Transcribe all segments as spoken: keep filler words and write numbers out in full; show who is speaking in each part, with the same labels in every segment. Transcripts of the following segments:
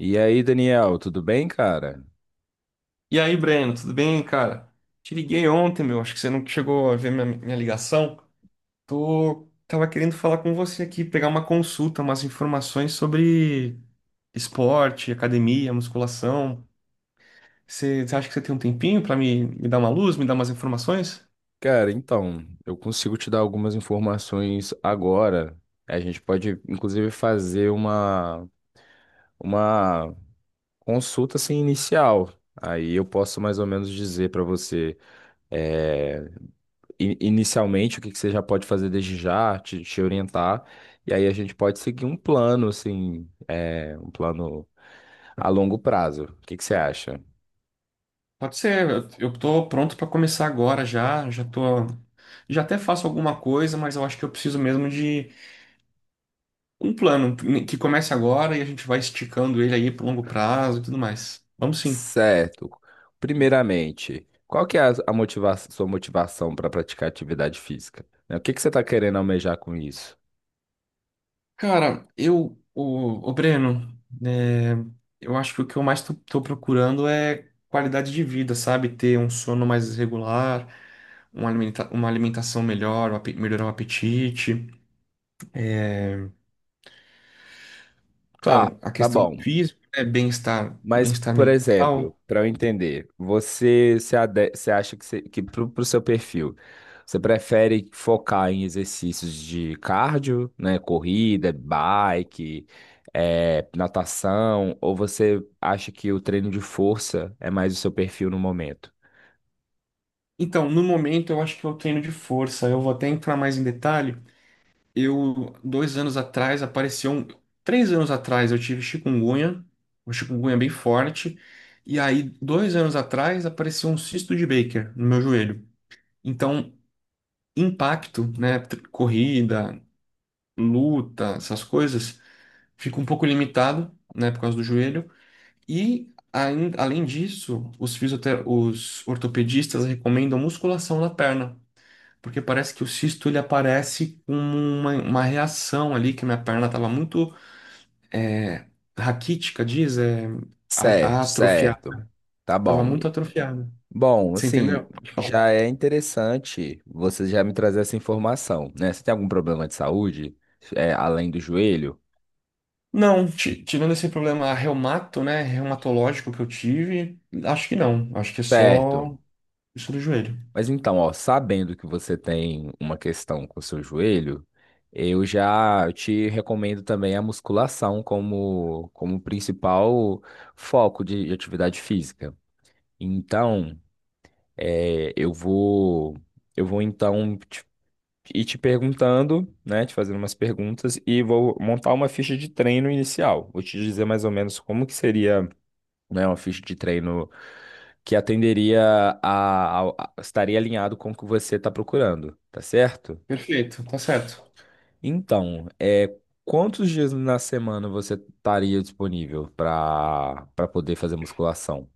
Speaker 1: E aí, Daniel, tudo bem, cara?
Speaker 2: E aí, Breno, tudo bem, cara? Te liguei ontem, meu. Acho que você não chegou a ver minha, minha ligação. Tô, tava querendo falar com você aqui, pegar uma consulta, umas informações sobre esporte, academia, musculação. Você, você acha que você tem um tempinho pra me, me dar uma luz, me dar umas informações?
Speaker 1: Cara, então, eu consigo te dar algumas informações agora. A gente pode, inclusive, fazer uma, uma consulta assim, inicial. Aí eu posso mais ou menos dizer para você, é, i- inicialmente, o que que você já pode fazer desde já, te, te orientar. E aí a gente pode seguir um plano, assim, é, um plano a longo prazo. O que que você acha?
Speaker 2: Pode ser, eu, eu tô pronto pra começar agora já. Já tô, já até faço alguma coisa, mas eu acho que eu preciso mesmo de um plano que comece agora e a gente vai esticando ele aí pro longo prazo e tudo mais. Vamos sim.
Speaker 1: Certo. Primeiramente, qual que é a, a motiva- sua motivação para praticar atividade física, né? O que que você está querendo almejar com isso?
Speaker 2: Cara, eu, o, o Breno, né, eu acho que o que eu mais tô, tô procurando é qualidade de vida, sabe? Ter um sono mais regular, uma alimenta- uma alimentação melhor, o ape- melhorar o apetite.
Speaker 1: Tá,
Speaker 2: Claro, a
Speaker 1: tá
Speaker 2: questão
Speaker 1: bom.
Speaker 2: física, né? Bem-estar,
Speaker 1: Mas,
Speaker 2: bem-estar
Speaker 1: por exemplo,
Speaker 2: mental.
Speaker 1: para eu entender, você se, ade- você acha que, você, que pro, pro seu perfil, você prefere focar em exercícios de cardio, né? Corrida, bike, eh, natação, ou você acha que o treino de força é mais o seu perfil no momento?
Speaker 2: Então, no momento, eu acho que eu treino de força. Eu vou até entrar mais em detalhe. Eu, dois anos atrás, apareceu um. Três anos atrás eu tive chikungunya, uma chikungunya bem forte. E aí, dois anos atrás, apareceu um cisto de Baker no meu joelho. Então, impacto, né? tr- Corrida, luta, essas coisas, fica um pouco limitado, né? Por causa do joelho. E, ain- além disso, os fisiotera... os ortopedistas recomendam musculação na perna. Porque parece que o cisto ele aparece como uma, uma reação ali, que minha perna estava muito é, raquítica, diz, é, a, a
Speaker 1: Certo,
Speaker 2: atrofiada.
Speaker 1: certo. Tá
Speaker 2: Tava
Speaker 1: bom.
Speaker 2: muito atrofiada.
Speaker 1: Bom,
Speaker 2: Você
Speaker 1: assim,
Speaker 2: entendeu? Pode falar.
Speaker 1: já é interessante você já me trazer essa informação, né? Você tem algum problema de saúde, é, além do joelho?
Speaker 2: Não, ti- tirando esse problema reumato, né, reumatológico que eu tive, acho que não. Acho que é
Speaker 1: Certo.
Speaker 2: só isso do joelho.
Speaker 1: Mas então, ó, sabendo que você tem uma questão com o seu joelho, eu já te recomendo também a musculação como, como principal foco de de atividade física. Então, é, eu vou, eu vou então e te perguntando, né, te fazendo umas perguntas e vou montar uma ficha de treino inicial. Vou te dizer mais ou menos como que seria, né, uma ficha de treino que atenderia a, ao- a- estaria alinhado com o que você está procurando, tá certo?
Speaker 2: Perfeito, tá certo.
Speaker 1: Então, é quantos dias na semana você estaria disponível para para poder fazer musculação?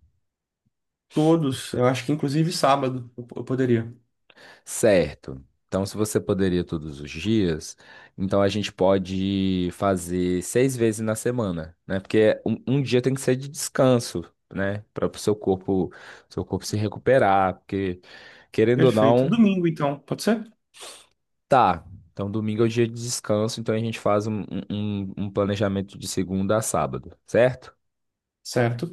Speaker 2: Todos, eu acho que inclusive sábado eu eu poderia.
Speaker 1: Certo. Então, se você poderia todos os dias, então a gente pode fazer seis vezes na semana, né? Porque um, um dia tem que ser de descanso, né? Para o seu corpo, seu corpo se recuperar, porque querendo ou
Speaker 2: Perfeito.
Speaker 1: não,
Speaker 2: Domingo, então, pode ser?
Speaker 1: tá. Então, domingo é o dia de descanso, então a gente faz um, um um planejamento de segunda a sábado, certo?
Speaker 2: Certo.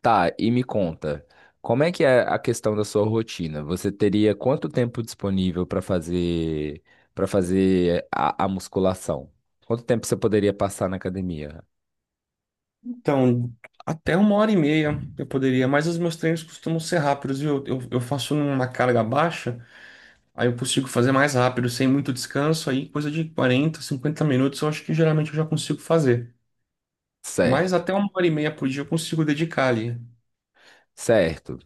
Speaker 1: Tá, e me conta, como é que é a questão da sua rotina? Você teria quanto tempo disponível para fazer para fazer a, a musculação? Quanto tempo você poderia passar na academia?
Speaker 2: Então, até uma hora e meia eu poderia, mas os meus treinos costumam ser rápidos, viu? Eu, eu faço numa carga baixa. Aí eu consigo fazer mais rápido, sem muito descanso, aí coisa de quarenta cinquenta minutos eu acho que geralmente eu já consigo fazer. Mas
Speaker 1: Certo,
Speaker 2: até uma hora e meia por dia eu consigo dedicar ali.
Speaker 1: certo.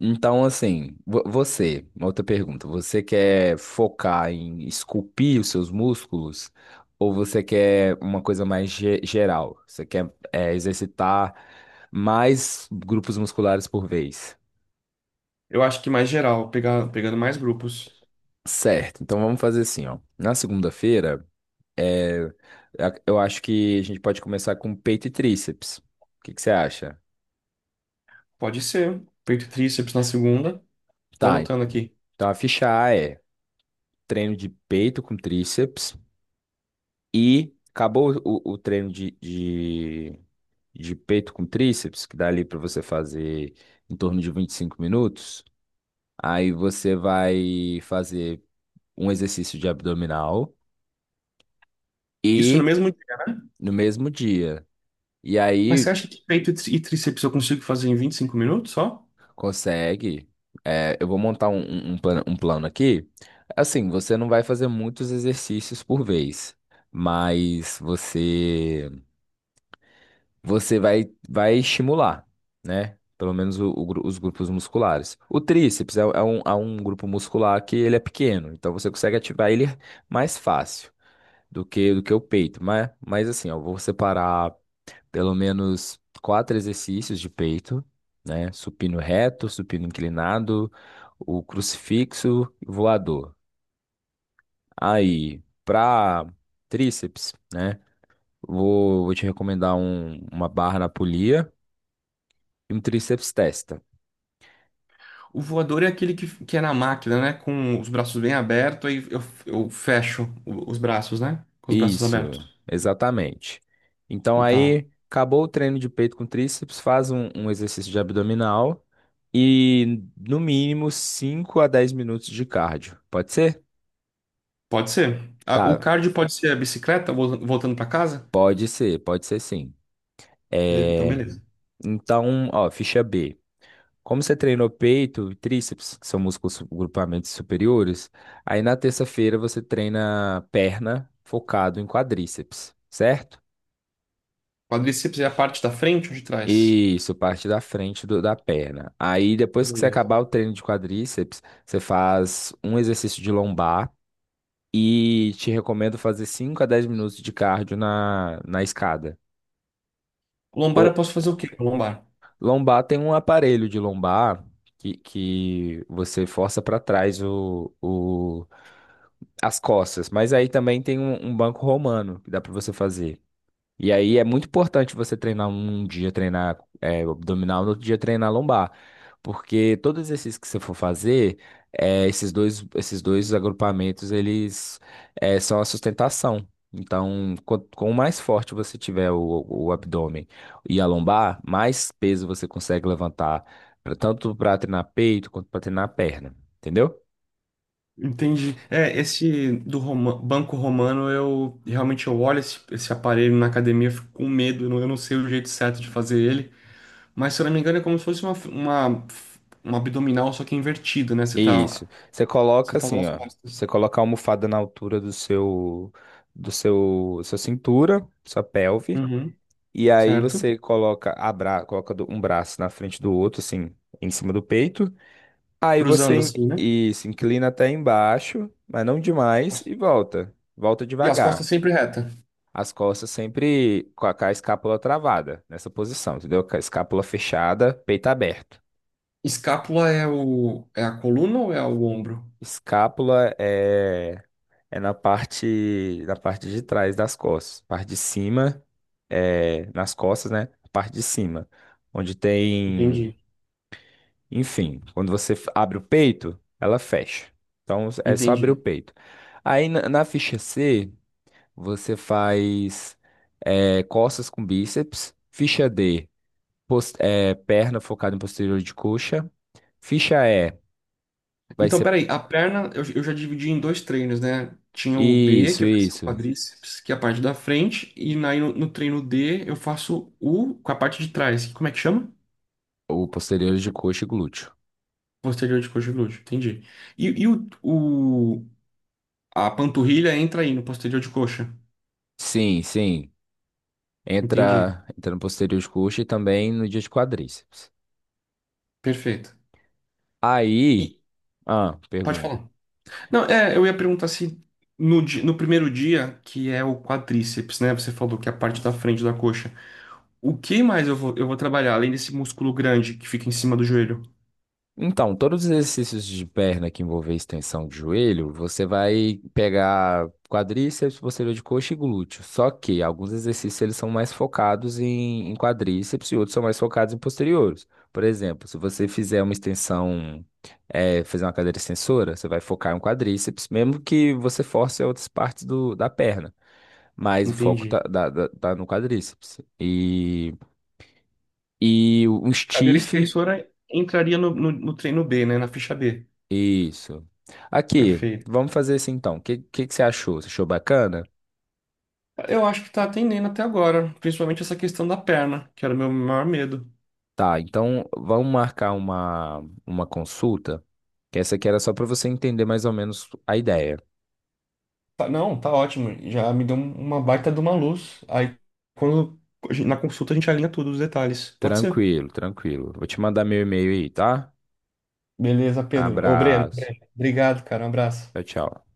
Speaker 1: Então, assim, vo- você, uma outra pergunta, você quer focar em esculpir os seus músculos ou você quer uma coisa mais ge- geral? Você quer é, exercitar mais grupos musculares por vez?
Speaker 2: Eu acho que mais geral, pegar, pegando mais grupos.
Speaker 1: Certo, então vamos fazer assim, ó. Na segunda-feira, é, a- eu acho que a gente pode começar com peito e tríceps. O que que você acha?
Speaker 2: Pode ser, peito e tríceps na segunda, tô
Speaker 1: Tá,
Speaker 2: anotando aqui.
Speaker 1: então a ficha A é treino de peito com tríceps e acabou o, o treino de, de, de peito com tríceps, que dá ali para você fazer em torno de vinte e cinco minutos. Aí você vai fazer um exercício de abdominal
Speaker 2: Isso no
Speaker 1: e
Speaker 2: mesmo dia.
Speaker 1: no mesmo dia. E
Speaker 2: Mas você
Speaker 1: aí
Speaker 2: acha que peito e tri- e tríceps eu consigo fazer em vinte e cinco minutos só?
Speaker 1: Consegue. É, eu vou montar um, um, um plano, um plano aqui. Assim, você não vai fazer muitos exercícios por vez, mas você você vai, vai estimular, né? Pelo menos o- o gru- os grupos musculares. O tríceps é, é um, é um grupo muscular que ele é pequeno, então você consegue ativar ele mais fácil do que do que o peito. Mas, mas assim, ó, eu vou separar pelo menos quatro exercícios de peito, né? Supino reto, supino inclinado, o crucifixo e voador. Aí, para tríceps, né? Vou, vou te recomendar um- uma barra na polia e um tríceps testa.
Speaker 2: O voador é aquele que, que é na máquina, né? Com os braços bem abertos, aí eu, eu fecho o- os braços, né? Com os braços
Speaker 1: Isso,
Speaker 2: abertos.
Speaker 1: exatamente. Então
Speaker 2: Tá.
Speaker 1: aí, acabou o treino de peito com tríceps, faz um, um exercício de abdominal e no mínimo cinco a dez minutos de cardio. Pode ser?
Speaker 2: Pode ser. Ah, o
Speaker 1: Tá,
Speaker 2: cardio pode ser a bicicleta vol- voltando para casa?
Speaker 1: Pode ser, pode ser sim.
Speaker 2: E- Então,
Speaker 1: É,
Speaker 2: beleza.
Speaker 1: então, ó, ficha B. Como você treinou peito e tríceps, que são músculos su- grupamentos superiores, aí na terça-feira você treina perna focado em quadríceps, certo?
Speaker 2: Quadríceps é a parte da frente ou de trás?
Speaker 1: Isso, parte da frente do- da perna. Aí depois que você
Speaker 2: Beleza.
Speaker 1: acabar o treino de quadríceps, você faz um exercício de lombar e te recomendo fazer cinco a dez minutos de cardio na, na escada.
Speaker 2: Lombar eu posso fazer o quê com lombar?
Speaker 1: Lombar tem um aparelho de lombar que, que você força para trás o, o, as costas. Mas aí também tem um, um banco romano que dá para você fazer. E aí é muito importante você treinar um dia, treinar é, abdominal, no outro dia treinar lombar. Porque todo exercício que você for fazer, é, esses dois, esses dois agrupamentos, eles é, são a sustentação. Então, quanto com mais forte você tiver o, o abdômen e a lombar, mais peso você consegue levantar, pra- tanto para treinar peito quanto para treinar perna. Entendeu?
Speaker 2: Entendi. É, esse do Roma- Banco Romano, eu realmente eu olho esse, esse aparelho na academia, eu fico com medo, eu não, eu não sei o jeito certo de fazer ele. Mas se eu não me engano, é como se fosse uma, uma, uma abdominal, só que invertido, né? Você tá,
Speaker 1: Isso. Você coloca
Speaker 2: você tá usando
Speaker 1: assim,
Speaker 2: as
Speaker 1: ó.
Speaker 2: costas.
Speaker 1: Você coloca a almofada na altura do seu, do seu, sua cintura, sua pelve,
Speaker 2: Uhum,
Speaker 1: e aí
Speaker 2: certo?
Speaker 1: você coloca a bra, coloca do- um braço na frente do outro, assim, em cima do peito. Aí você
Speaker 2: Cruzando
Speaker 1: in-
Speaker 2: assim, né?
Speaker 1: isso, inclina até embaixo, mas não demais, e volta. Volta
Speaker 2: E as
Speaker 1: devagar.
Speaker 2: costas sempre reta.
Speaker 1: As costas sempre com a, com a escápula travada nessa posição, entendeu? Com a escápula fechada, peito aberto.
Speaker 2: Escápula é o, é a coluna ou é o ombro?
Speaker 1: Escápula é é na parte, na parte de trás das costas. Parte de cima, é, nas costas, né? A parte de cima, onde tem,
Speaker 2: Entendi,
Speaker 1: enfim, quando você f- abre o peito, ela fecha. Então é só abrir o
Speaker 2: entendi.
Speaker 1: peito. Aí na, na ficha C, você faz é, costas com bíceps. Ficha D, pos- é, perna focada em posterior de coxa. Ficha E, vai
Speaker 2: Então,
Speaker 1: ser.
Speaker 2: peraí, a perna eu, eu já dividi em dois treinos, né? Tinha o B,
Speaker 1: Isso,
Speaker 2: que vai ser o
Speaker 1: isso.
Speaker 2: quadríceps, que é a parte da frente, e na, no, no treino D eu faço o com a parte de trás. Como é que chama?
Speaker 1: O posterior de coxa e glúteo.
Speaker 2: Posterior de coxa e glúteo, entendi. E, e o, o, a panturrilha entra aí no posterior de coxa.
Speaker 1: Sim, sim.
Speaker 2: Entendi.
Speaker 1: Entra, entra no posterior de coxa e também no dia de quadríceps.
Speaker 2: Perfeito.
Speaker 1: Aí,
Speaker 2: E
Speaker 1: ah,
Speaker 2: pode
Speaker 1: pergunta.
Speaker 2: falar. Não, é, eu ia perguntar se no, di- no primeiro dia, que é o quadríceps, né? Você falou que é a parte da frente da coxa. O que mais eu vou, eu vou trabalhar, além desse músculo grande que fica em cima do joelho?
Speaker 1: Então, todos os exercícios de perna que envolver extensão de joelho, você vai pegar quadríceps, posterior de coxa e glúteo. Só que alguns exercícios eles são mais focados em, em quadríceps e outros são mais focados em posteriores. Por exemplo, se você fizer uma extensão, eh, fazer uma cadeira extensora, você vai focar em um quadríceps, mesmo que você force outras partes do, da perna. Mas o foco tá,
Speaker 2: Entendi.
Speaker 1: dá- dá- tá no quadríceps. E, e um
Speaker 2: Cadeira
Speaker 1: stiff.
Speaker 2: extensora entraria no, no, no treino B, né? Na ficha B.
Speaker 1: Isso. Aqui,
Speaker 2: Perfeito.
Speaker 1: vamos fazer assim então. O que, que, que você achou? Você achou bacana?
Speaker 2: Eu acho que tá atendendo até agora, principalmente essa questão da perna, que era o meu maior medo.
Speaker 1: Tá, então vamos marcar uma, uma consulta. Que essa aqui era só para você entender mais ou menos a ideia.
Speaker 2: Tá- não, tá ótimo. Já me deu um- uma baita de uma luz. Aí, quando na consulta, a gente alinha todos os detalhes. Pode ser.
Speaker 1: Tranquilo, tranquilo. Vou te mandar meu e-mail aí, tá?
Speaker 2: Beleza, Pedro. Ô, Breno,
Speaker 1: Abraço.
Speaker 2: Breno, obrigado, cara. Um abraço.
Speaker 1: Tchau, tchau.